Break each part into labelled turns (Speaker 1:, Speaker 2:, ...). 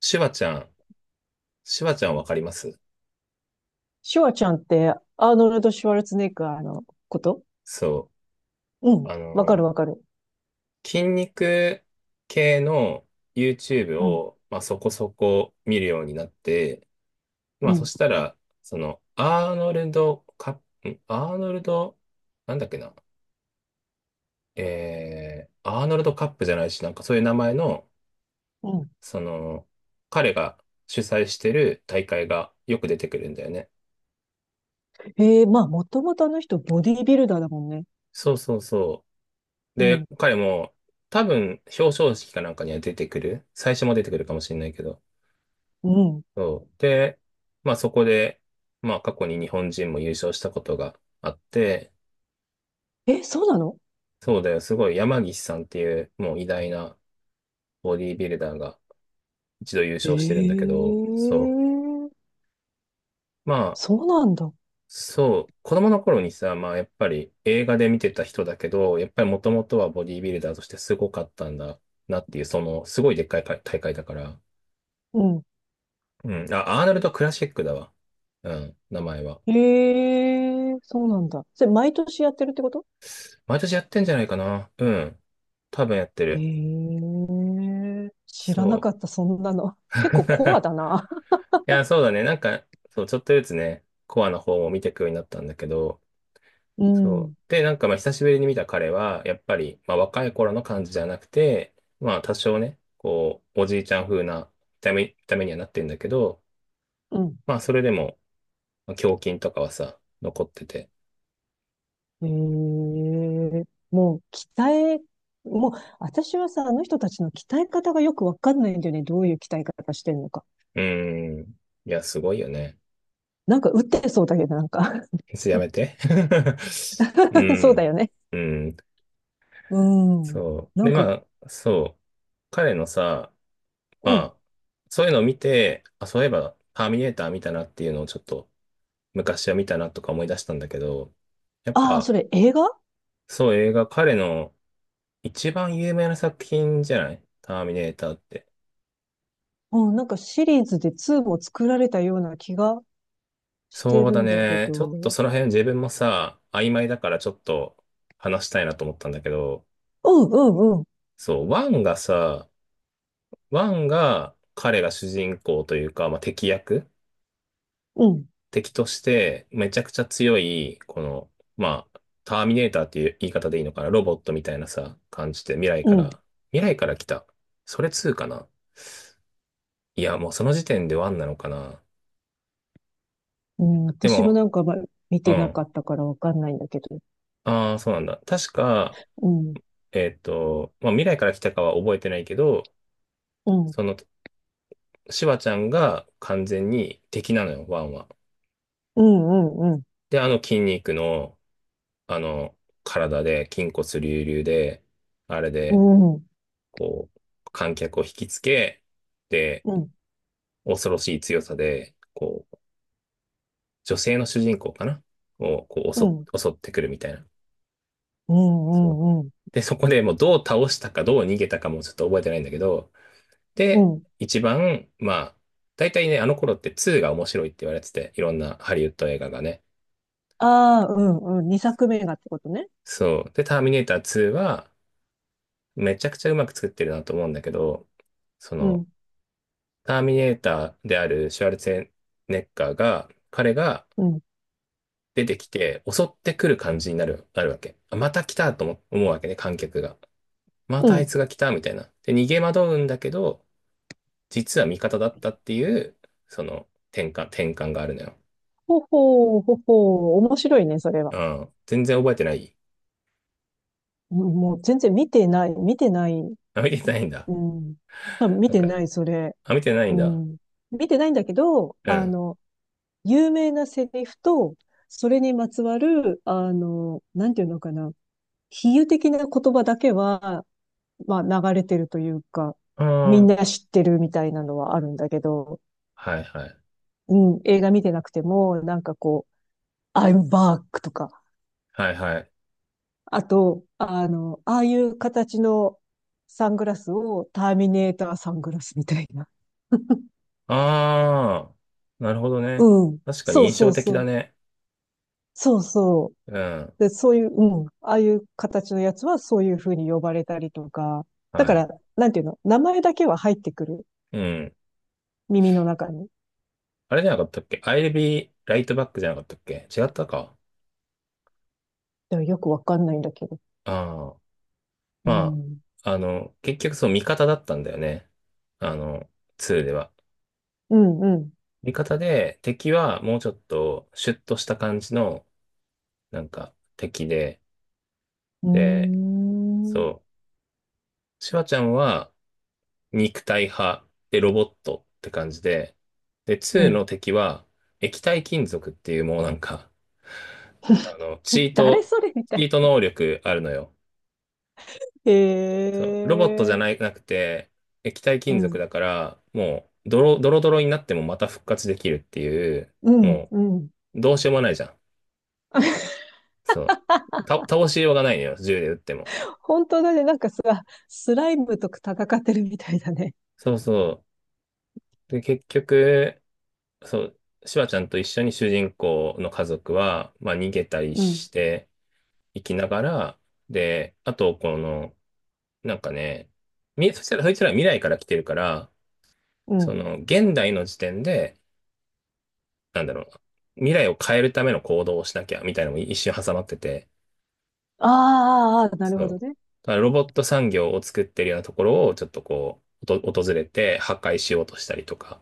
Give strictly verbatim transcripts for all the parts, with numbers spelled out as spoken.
Speaker 1: シュワちゃん、シュワちゃんわかります？
Speaker 2: シュワちゃんって、アーノルド・シュワルツェネッガーのこと。
Speaker 1: そ
Speaker 2: う
Speaker 1: う。
Speaker 2: ん。
Speaker 1: あ
Speaker 2: わか
Speaker 1: の、
Speaker 2: るわかる。
Speaker 1: 筋肉系の ユーチューブ
Speaker 2: うん。
Speaker 1: を、まあ、そこそこ見るようになって、
Speaker 2: う
Speaker 1: まあ、そ
Speaker 2: ん。
Speaker 1: したら、その、アーノルドカップ、アーノルド、なんだっけな、えー、アーノルドカップじゃないし、なんかそういう名前の、
Speaker 2: うん。
Speaker 1: その、彼が主催してる大会がよく出てくるんだよね。
Speaker 2: ええ、まあ、もともとあの人、ボディービルダーだもんね。
Speaker 1: そうそうそう。
Speaker 2: うん。
Speaker 1: で、彼も、多分、表彰式かなんかには出てくる。最初も出てくるかもしれないけど。
Speaker 2: うん。
Speaker 1: そう。で、まあそこで、まあ過去に日本人も優勝したことがあって、
Speaker 2: え、そうなの？
Speaker 1: そうだよ、すごい山岸さんっていうもう偉大なボディービルダーが一度優
Speaker 2: え
Speaker 1: 勝してるんだけど、そ
Speaker 2: え、
Speaker 1: う。まあ、
Speaker 2: そうなんだ。
Speaker 1: そう。子供の頃にさ、まあやっぱり映画で見てた人だけど、やっぱりもともとはボディービルダーとしてすごかったんだなっていう、その、すごいでっかい大会だから。
Speaker 2: うん。
Speaker 1: うん。あ、アーノルド・クラシックだわ。うん、名前は。
Speaker 2: ええ、そうなんだ。それ、毎年やってるってこと？
Speaker 1: 毎年やってんじゃないかな。うん。多分やって
Speaker 2: え
Speaker 1: る。
Speaker 2: え、知らなか
Speaker 1: そ
Speaker 2: った、そんなの。
Speaker 1: う。
Speaker 2: 結構コア だな。
Speaker 1: いや、そうだね。なんか、そう、ちょっとずつね、コアの方も見ていくようになったんだけど、
Speaker 2: う
Speaker 1: そう。
Speaker 2: ん。
Speaker 1: で、なんか、まあ、久しぶりに見た彼は、やっぱり、まあ、若い頃の感じじゃなくて、まあ、多少ね、こう、おじいちゃん風な見た目、見た目にはなってんだけど、
Speaker 2: うん。
Speaker 1: まあ、それでも、まあ胸筋とかはさ、残ってて。
Speaker 2: ええ、もう鍛え、もう私はさ、あの人たちの鍛え方がよくわかんないんだよね。どういう鍛え方してんのか。
Speaker 1: うーん。いや、すごいよね。
Speaker 2: なんか打ってそうだけど、なんか
Speaker 1: それやめて。う
Speaker 2: そうだ
Speaker 1: ん。
Speaker 2: よね。
Speaker 1: うん。
Speaker 2: うん。
Speaker 1: そ
Speaker 2: な
Speaker 1: う。で、
Speaker 2: んか、
Speaker 1: まあ、そう。彼のさ、ま
Speaker 2: うん。
Speaker 1: あ、そういうのを見て、あ、そういえば、ターミネーター見たなっていうのをちょっと、昔は見たなとか思い出したんだけど、やっ
Speaker 2: ああ、
Speaker 1: ぱ、
Speaker 2: それ映画？
Speaker 1: そう、映画、彼の一番有名な作品じゃない、ターミネーターって。
Speaker 2: うん、なんかシリーズでツーも作られたような気がして
Speaker 1: そう
Speaker 2: る
Speaker 1: だ
Speaker 2: んだけ
Speaker 1: ね。
Speaker 2: ど。
Speaker 1: ちょっ
Speaker 2: う
Speaker 1: と
Speaker 2: ん
Speaker 1: その辺自分もさ、曖昧だからちょっと話したいなと思ったんだけど、
Speaker 2: うんうん。
Speaker 1: そう、ワンがさ、ワンが彼が主人公というか、まあ、敵役、
Speaker 2: うん、
Speaker 1: 敵としてめちゃくちゃ強い、この、まあ、ターミネーターっていう言い方でいいのかな、ロボットみたいなさ、感じで未来
Speaker 2: う
Speaker 1: か
Speaker 2: ん。
Speaker 1: ら、未来から来た。それツーかな？いや、もうその時点でワンなのかな。
Speaker 2: うん、
Speaker 1: で
Speaker 2: 私も
Speaker 1: も、
Speaker 2: なんか、ま、見
Speaker 1: う
Speaker 2: てな
Speaker 1: ん。
Speaker 2: かったからわかんないんだけど。
Speaker 1: ああ、そうなんだ。確か、
Speaker 2: うん、
Speaker 1: えっと、まあ、未来から来たかは覚えてないけど、
Speaker 2: うん、
Speaker 1: その、シュワちゃんが完全に敵なのよ、ワンは。
Speaker 2: うん、うん、うん、
Speaker 1: で、あの筋肉の、あの、体で、筋骨隆々で、あれ
Speaker 2: う
Speaker 1: で、
Speaker 2: ん、
Speaker 1: こう、観客を引きつけ、で、
Speaker 2: うん。
Speaker 1: 恐ろしい強さで、こう、女性の主人公かなを、こう、
Speaker 2: う
Speaker 1: 襲
Speaker 2: ん
Speaker 1: っ、襲ってくるみたいな。
Speaker 2: うんう
Speaker 1: そう。
Speaker 2: んうん。
Speaker 1: で、そこでもうどう倒したか、どう逃げたかもちょっと覚えてないんだけど、
Speaker 2: う
Speaker 1: で、
Speaker 2: ん。
Speaker 1: 一番、まあ、大体ね、あの頃ってツーが面白いって言われてて、いろんなハリウッド映画がね。
Speaker 2: ああ、うんうん。二作目がってことね。
Speaker 1: そう。で、ターミネーターツーは、めちゃくちゃうまく作ってるなと思うんだけど、そ
Speaker 2: う
Speaker 1: の、
Speaker 2: ん、
Speaker 1: ターミネーターであるシュワルツェネッガーが、彼が
Speaker 2: うん、
Speaker 1: 出てきて襲ってくる感じになる、なるわけ。あ、また来たと思思うわけね、観客が。ま
Speaker 2: う
Speaker 1: たあい
Speaker 2: ん。
Speaker 1: つが来たみたいな。で、逃げ惑うんだけど、実は味方だったっていう、その転換、転換があるのよ。
Speaker 2: ほほう、ほほう。面白いね、それは。
Speaker 1: うん。全然覚えてない。
Speaker 2: うん、もう全然見てない、見てない。
Speaker 1: あ、見てないんだ。
Speaker 2: うん。多分見
Speaker 1: なん
Speaker 2: てな
Speaker 1: か、
Speaker 2: い、それ。
Speaker 1: あ、見てない
Speaker 2: う
Speaker 1: んだ。
Speaker 2: ん。見てないんだけど、
Speaker 1: う
Speaker 2: あ
Speaker 1: ん。
Speaker 2: の、有名なセリフと、それにまつわる、あの、なんていうのかな。比喩的な言葉だけは、まあ、流れてるというか、み
Speaker 1: あ
Speaker 2: んな
Speaker 1: あ、
Speaker 2: 知ってるみたいなのはあるんだけど、
Speaker 1: はいはい。
Speaker 2: うん、映画見てなくても、なんかこう、I'm back とか、
Speaker 1: はいはい。
Speaker 2: あと、あの、ああいう形のサングラスをターミネーターサングラスみたいな。
Speaker 1: ああ、なるほどね。
Speaker 2: うん。
Speaker 1: 確か
Speaker 2: そ
Speaker 1: に
Speaker 2: う
Speaker 1: 印
Speaker 2: そう
Speaker 1: 象的
Speaker 2: そ
Speaker 1: だ
Speaker 2: う。
Speaker 1: ね。
Speaker 2: そうそう。
Speaker 1: うん。
Speaker 2: で、そういう、うん。ああいう形のやつはそういう風に呼ばれたりとか。だ
Speaker 1: は
Speaker 2: から、
Speaker 1: い。
Speaker 2: なんていうの、名前だけは入ってくる。
Speaker 1: うん。
Speaker 2: 耳の中に。
Speaker 1: あれじゃなかったっけ、アイエルビーライトバックじゃなかったっけ、違ったか。
Speaker 2: でもよくわかんないんだけど。
Speaker 1: ああ、
Speaker 2: う
Speaker 1: ま
Speaker 2: ん。
Speaker 1: あ、あの、結局そう味方だったんだよね。あの、ツーでは。
Speaker 2: うん、うん。
Speaker 1: 味方で、敵はもうちょっとシュッとした感じの、なんか、敵で、
Speaker 2: うー
Speaker 1: で、
Speaker 2: ん。
Speaker 1: そう、シュワちゃんは肉体派でロボットって感じで、で、
Speaker 2: う
Speaker 1: ツー
Speaker 2: ん。
Speaker 1: の敵は液体金属っていうもうなんか、あの、チ ー
Speaker 2: 誰
Speaker 1: ト、
Speaker 2: それみた
Speaker 1: チ
Speaker 2: い
Speaker 1: ート
Speaker 2: な。
Speaker 1: 能力あるのよ。
Speaker 2: へ
Speaker 1: そう、ロボットじゃ
Speaker 2: え、
Speaker 1: ないなくて、液体
Speaker 2: う
Speaker 1: 金属
Speaker 2: ん、
Speaker 1: だから、もう、ドロ、ドロドロになってもまた復活できるっていう、
Speaker 2: うん、
Speaker 1: も
Speaker 2: うん。
Speaker 1: う、どうしようもないじゃん。そう。た、倒しようがないのよ、銃で撃っても。
Speaker 2: あ、本当だね。なんかさ、スライムと戦ってるみたいだね。
Speaker 1: そうそう。で、結局、そう、シュワちゃんと一緒に主人公の家族は、まあ、逃げたり
Speaker 2: うん、
Speaker 1: していきながら、で、あと、この、なんかね、み、そしたら、そいつらは未来から来てるから、
Speaker 2: う
Speaker 1: そ
Speaker 2: ん。
Speaker 1: の、現代の時点で、なんだろう、未来を変えるための行動をしなきゃみたいなのも一瞬挟まってて、
Speaker 2: あーあー、あーなる
Speaker 1: そ
Speaker 2: ほ
Speaker 1: う。
Speaker 2: どね。
Speaker 1: だからロボット産業を作ってるようなところをちょっとこう、おと訪れて破壊しようとしたりとか、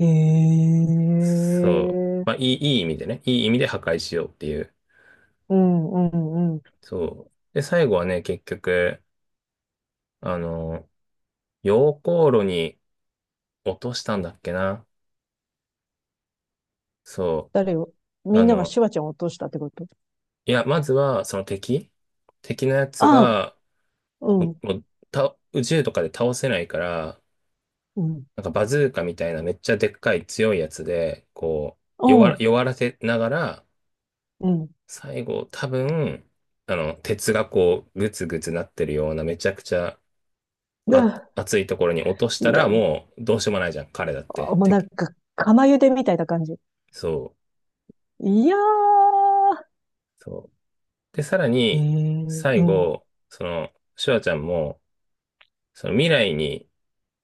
Speaker 2: へ
Speaker 1: そう。
Speaker 2: え、
Speaker 1: まあ、いい、いい意味でね、いい意味で破壊しようっていう。
Speaker 2: うん、うん、うん。
Speaker 1: そう。で、最後はね、結局、あの、溶鉱炉に落としたんだっけな。そ
Speaker 2: 誰を？
Speaker 1: う。
Speaker 2: み
Speaker 1: あ
Speaker 2: んなが
Speaker 1: の、
Speaker 2: シュワちゃんを落としたってこと？
Speaker 1: いや、まずは、その敵敵のやつ
Speaker 2: ああ、
Speaker 1: が、
Speaker 2: う
Speaker 1: も
Speaker 2: ん、
Speaker 1: うもうた宇宙とかで倒せないから、
Speaker 2: うん、
Speaker 1: なんかバズーカみたいなめっちゃでっかい強いやつで、こう、弱
Speaker 2: お
Speaker 1: ら、
Speaker 2: う、
Speaker 1: 弱らせながら、
Speaker 2: うん。
Speaker 1: 最後多分、あの、鉄がこう、グツグツなってるようなめちゃくちゃあ、
Speaker 2: だ、
Speaker 1: 熱いところに落とした
Speaker 2: だ、
Speaker 1: らもうどうしようもないじゃん、彼だっ
Speaker 2: あ、
Speaker 1: て。
Speaker 2: もう
Speaker 1: て、
Speaker 2: なんか、釜茹でみたいな感じ。
Speaker 1: そ
Speaker 2: いやー、
Speaker 1: う、そう。で、さら
Speaker 2: え
Speaker 1: に、
Speaker 2: え、う
Speaker 1: 最
Speaker 2: ん、
Speaker 1: 後、その、シュワちゃんも、その未来に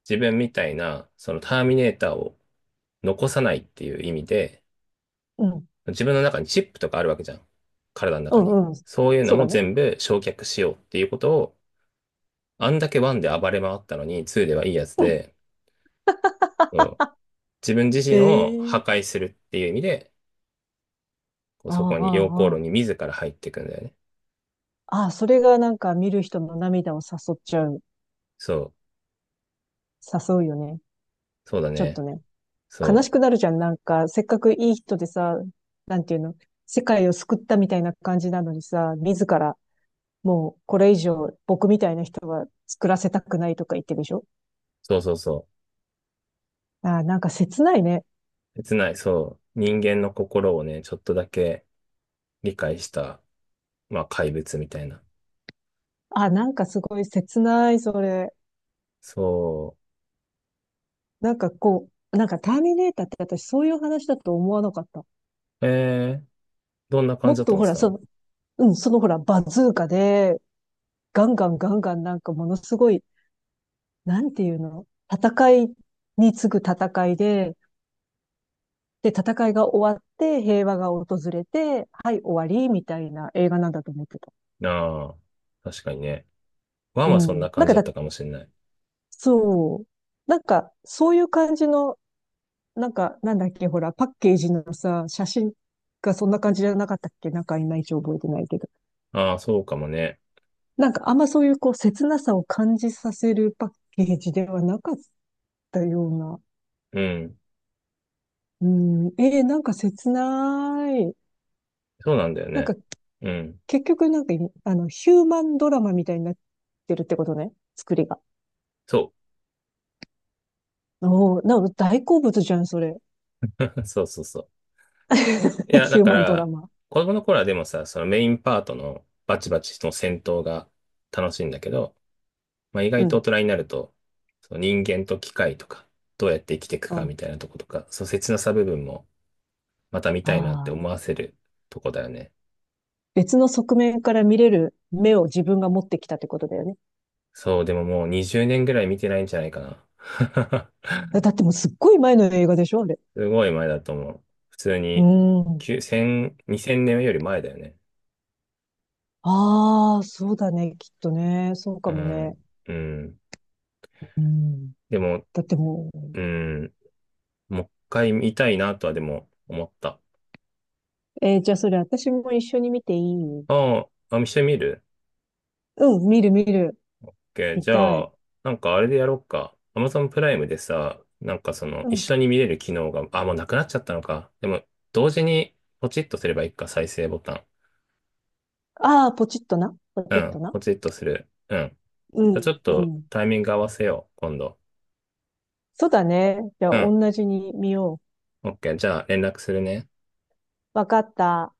Speaker 1: 自分みたいな、そのターミネーターを残さないっていう意味で、
Speaker 2: うん、う
Speaker 1: 自分の中にチップとかあるわけじゃん。体の中に。
Speaker 2: ん、うん。
Speaker 1: そういうの
Speaker 2: そうだ
Speaker 1: も
Speaker 2: ね。
Speaker 1: 全部焼却しようっていうことを、あんだけワンで暴れ回ったのにツーではいいやつで、そう自分自身を破
Speaker 2: ええ、
Speaker 1: 壊するっていう意味で、こ
Speaker 2: あ
Speaker 1: う
Speaker 2: あ、
Speaker 1: そこに、溶
Speaker 2: あ
Speaker 1: 鉱
Speaker 2: あ、
Speaker 1: 炉
Speaker 2: あ
Speaker 1: に自ら入っていくんだよね。
Speaker 2: あ。それがなんか見る人の涙を誘っちゃう。
Speaker 1: そう。
Speaker 2: 誘うよね。
Speaker 1: そうだ
Speaker 2: ちょっと
Speaker 1: ね。
Speaker 2: ね。悲し
Speaker 1: そ
Speaker 2: くな
Speaker 1: う。
Speaker 2: るじゃん。なんか、せっかくいい人でさ、なんていうの、世界を救ったみたいな感じなのにさ、自ら、もうこれ以上僕みたいな人は作らせたくないとか言ってるでしょ？
Speaker 1: そうそうそ
Speaker 2: ああ、なんか切ないね。
Speaker 1: う。切ない。そう。人間の心をね、ちょっとだけ理解した、まあ怪物みたいな。
Speaker 2: ああ、なんかすごい切ない、それ。
Speaker 1: そ
Speaker 2: なんかこう、なんかターミネーターって私そういう話だと思わなかった。
Speaker 1: う。えー、どんな感
Speaker 2: も
Speaker 1: じ
Speaker 2: っ
Speaker 1: だと
Speaker 2: と
Speaker 1: 思っ
Speaker 2: ほ
Speaker 1: て
Speaker 2: ら、
Speaker 1: た
Speaker 2: そ
Speaker 1: の？
Speaker 2: の、うん、そのほら、バズーカで、ガンガンガンガンなんかものすごい、なんていうの、戦いに次ぐ戦いで、で、戦いが終わって平和が訪れて、はい、終わり、みたいな映画なんだと思ってた。
Speaker 1: ああー、確かにね。ワン
Speaker 2: う
Speaker 1: はそん
Speaker 2: ん。
Speaker 1: な
Speaker 2: なん
Speaker 1: 感
Speaker 2: か
Speaker 1: じだっ
Speaker 2: だ、
Speaker 1: たかもしれない。
Speaker 2: そう。なんか、そういう感じの、なんか、なんだっけ、ほら、パッケージのさ、写真がそんな感じじゃなかったっけ？なんか、いまいち覚えてないけど。
Speaker 1: ああ、そうかもね。
Speaker 2: なんか、あんまそういう、こう、切なさを感じさせるパッケージではなかったような。
Speaker 1: うん。
Speaker 2: うん、えー、なんか切ない。
Speaker 1: そうなんだよ
Speaker 2: なんか
Speaker 1: ね。うん。
Speaker 2: 結局なんかい、あの、ヒューマンドラマみたいになってるってことね。作りが。
Speaker 1: そ
Speaker 2: おー、なんか大好物じゃん、それ。
Speaker 1: う。そうそうそう。い や、
Speaker 2: ヒ
Speaker 1: だ
Speaker 2: ュー
Speaker 1: か
Speaker 2: マンドラ
Speaker 1: ら、
Speaker 2: マ。
Speaker 1: 子供の頃はでもさ、そのメインパートのバチバチの戦闘が楽しいんだけど、まあ、意
Speaker 2: う
Speaker 1: 外と大
Speaker 2: ん。
Speaker 1: 人になると、その人間と機械とか、どうやって生きていく
Speaker 2: う
Speaker 1: か
Speaker 2: ん。
Speaker 1: みたいなとことか、そう切なさ部分もまた見たいなって
Speaker 2: あ
Speaker 1: 思
Speaker 2: あ。
Speaker 1: わせるとこだよね。
Speaker 2: 別の側面から見れる目を自分が持ってきたってことだよね。
Speaker 1: そう、でももうにじゅうねんぐらい見てないんじゃないかな。
Speaker 2: だってもうすっごい前の映画でしょ、あれ。
Speaker 1: すごい前だと思う。普通
Speaker 2: う
Speaker 1: に、
Speaker 2: ん。
Speaker 1: いち れい ぜろ にせんねんより前だよね。
Speaker 2: ああ、そうだね、きっとね。そうか
Speaker 1: う
Speaker 2: もね。
Speaker 1: ん。うん。
Speaker 2: うん。
Speaker 1: でも、
Speaker 2: だってもう、
Speaker 1: うん。もう一回見たいなとはでも思った。
Speaker 2: えーじゃあそれ私も一緒に見ていい？
Speaker 1: ああ、あ、見してみる？
Speaker 2: うん、見る見る。
Speaker 1: OK。
Speaker 2: 見
Speaker 1: じ
Speaker 2: た
Speaker 1: ゃ
Speaker 2: い。
Speaker 1: あ、なんかあれでやろうか。アマゾン プライムでさ、なんかその、
Speaker 2: う
Speaker 1: 一
Speaker 2: ん。
Speaker 1: 緒に見れる機能が、あ、もうなくなっちゃったのか。でも、同時に、ポチッとすればいいか、再生ボタン。
Speaker 2: ああ、ポチッとな。ポ
Speaker 1: う
Speaker 2: チッと
Speaker 1: ん、
Speaker 2: な。
Speaker 1: ポチッとする。うん。
Speaker 2: う
Speaker 1: じゃあち
Speaker 2: ん、
Speaker 1: ょっ
Speaker 2: う
Speaker 1: と、
Speaker 2: ん。
Speaker 1: タイミング合わせよう、今度。
Speaker 2: そうだね。じゃあ、
Speaker 1: うん。
Speaker 2: 同じに見よ
Speaker 1: OK。じゃあ、連絡するね。
Speaker 2: う。わかった。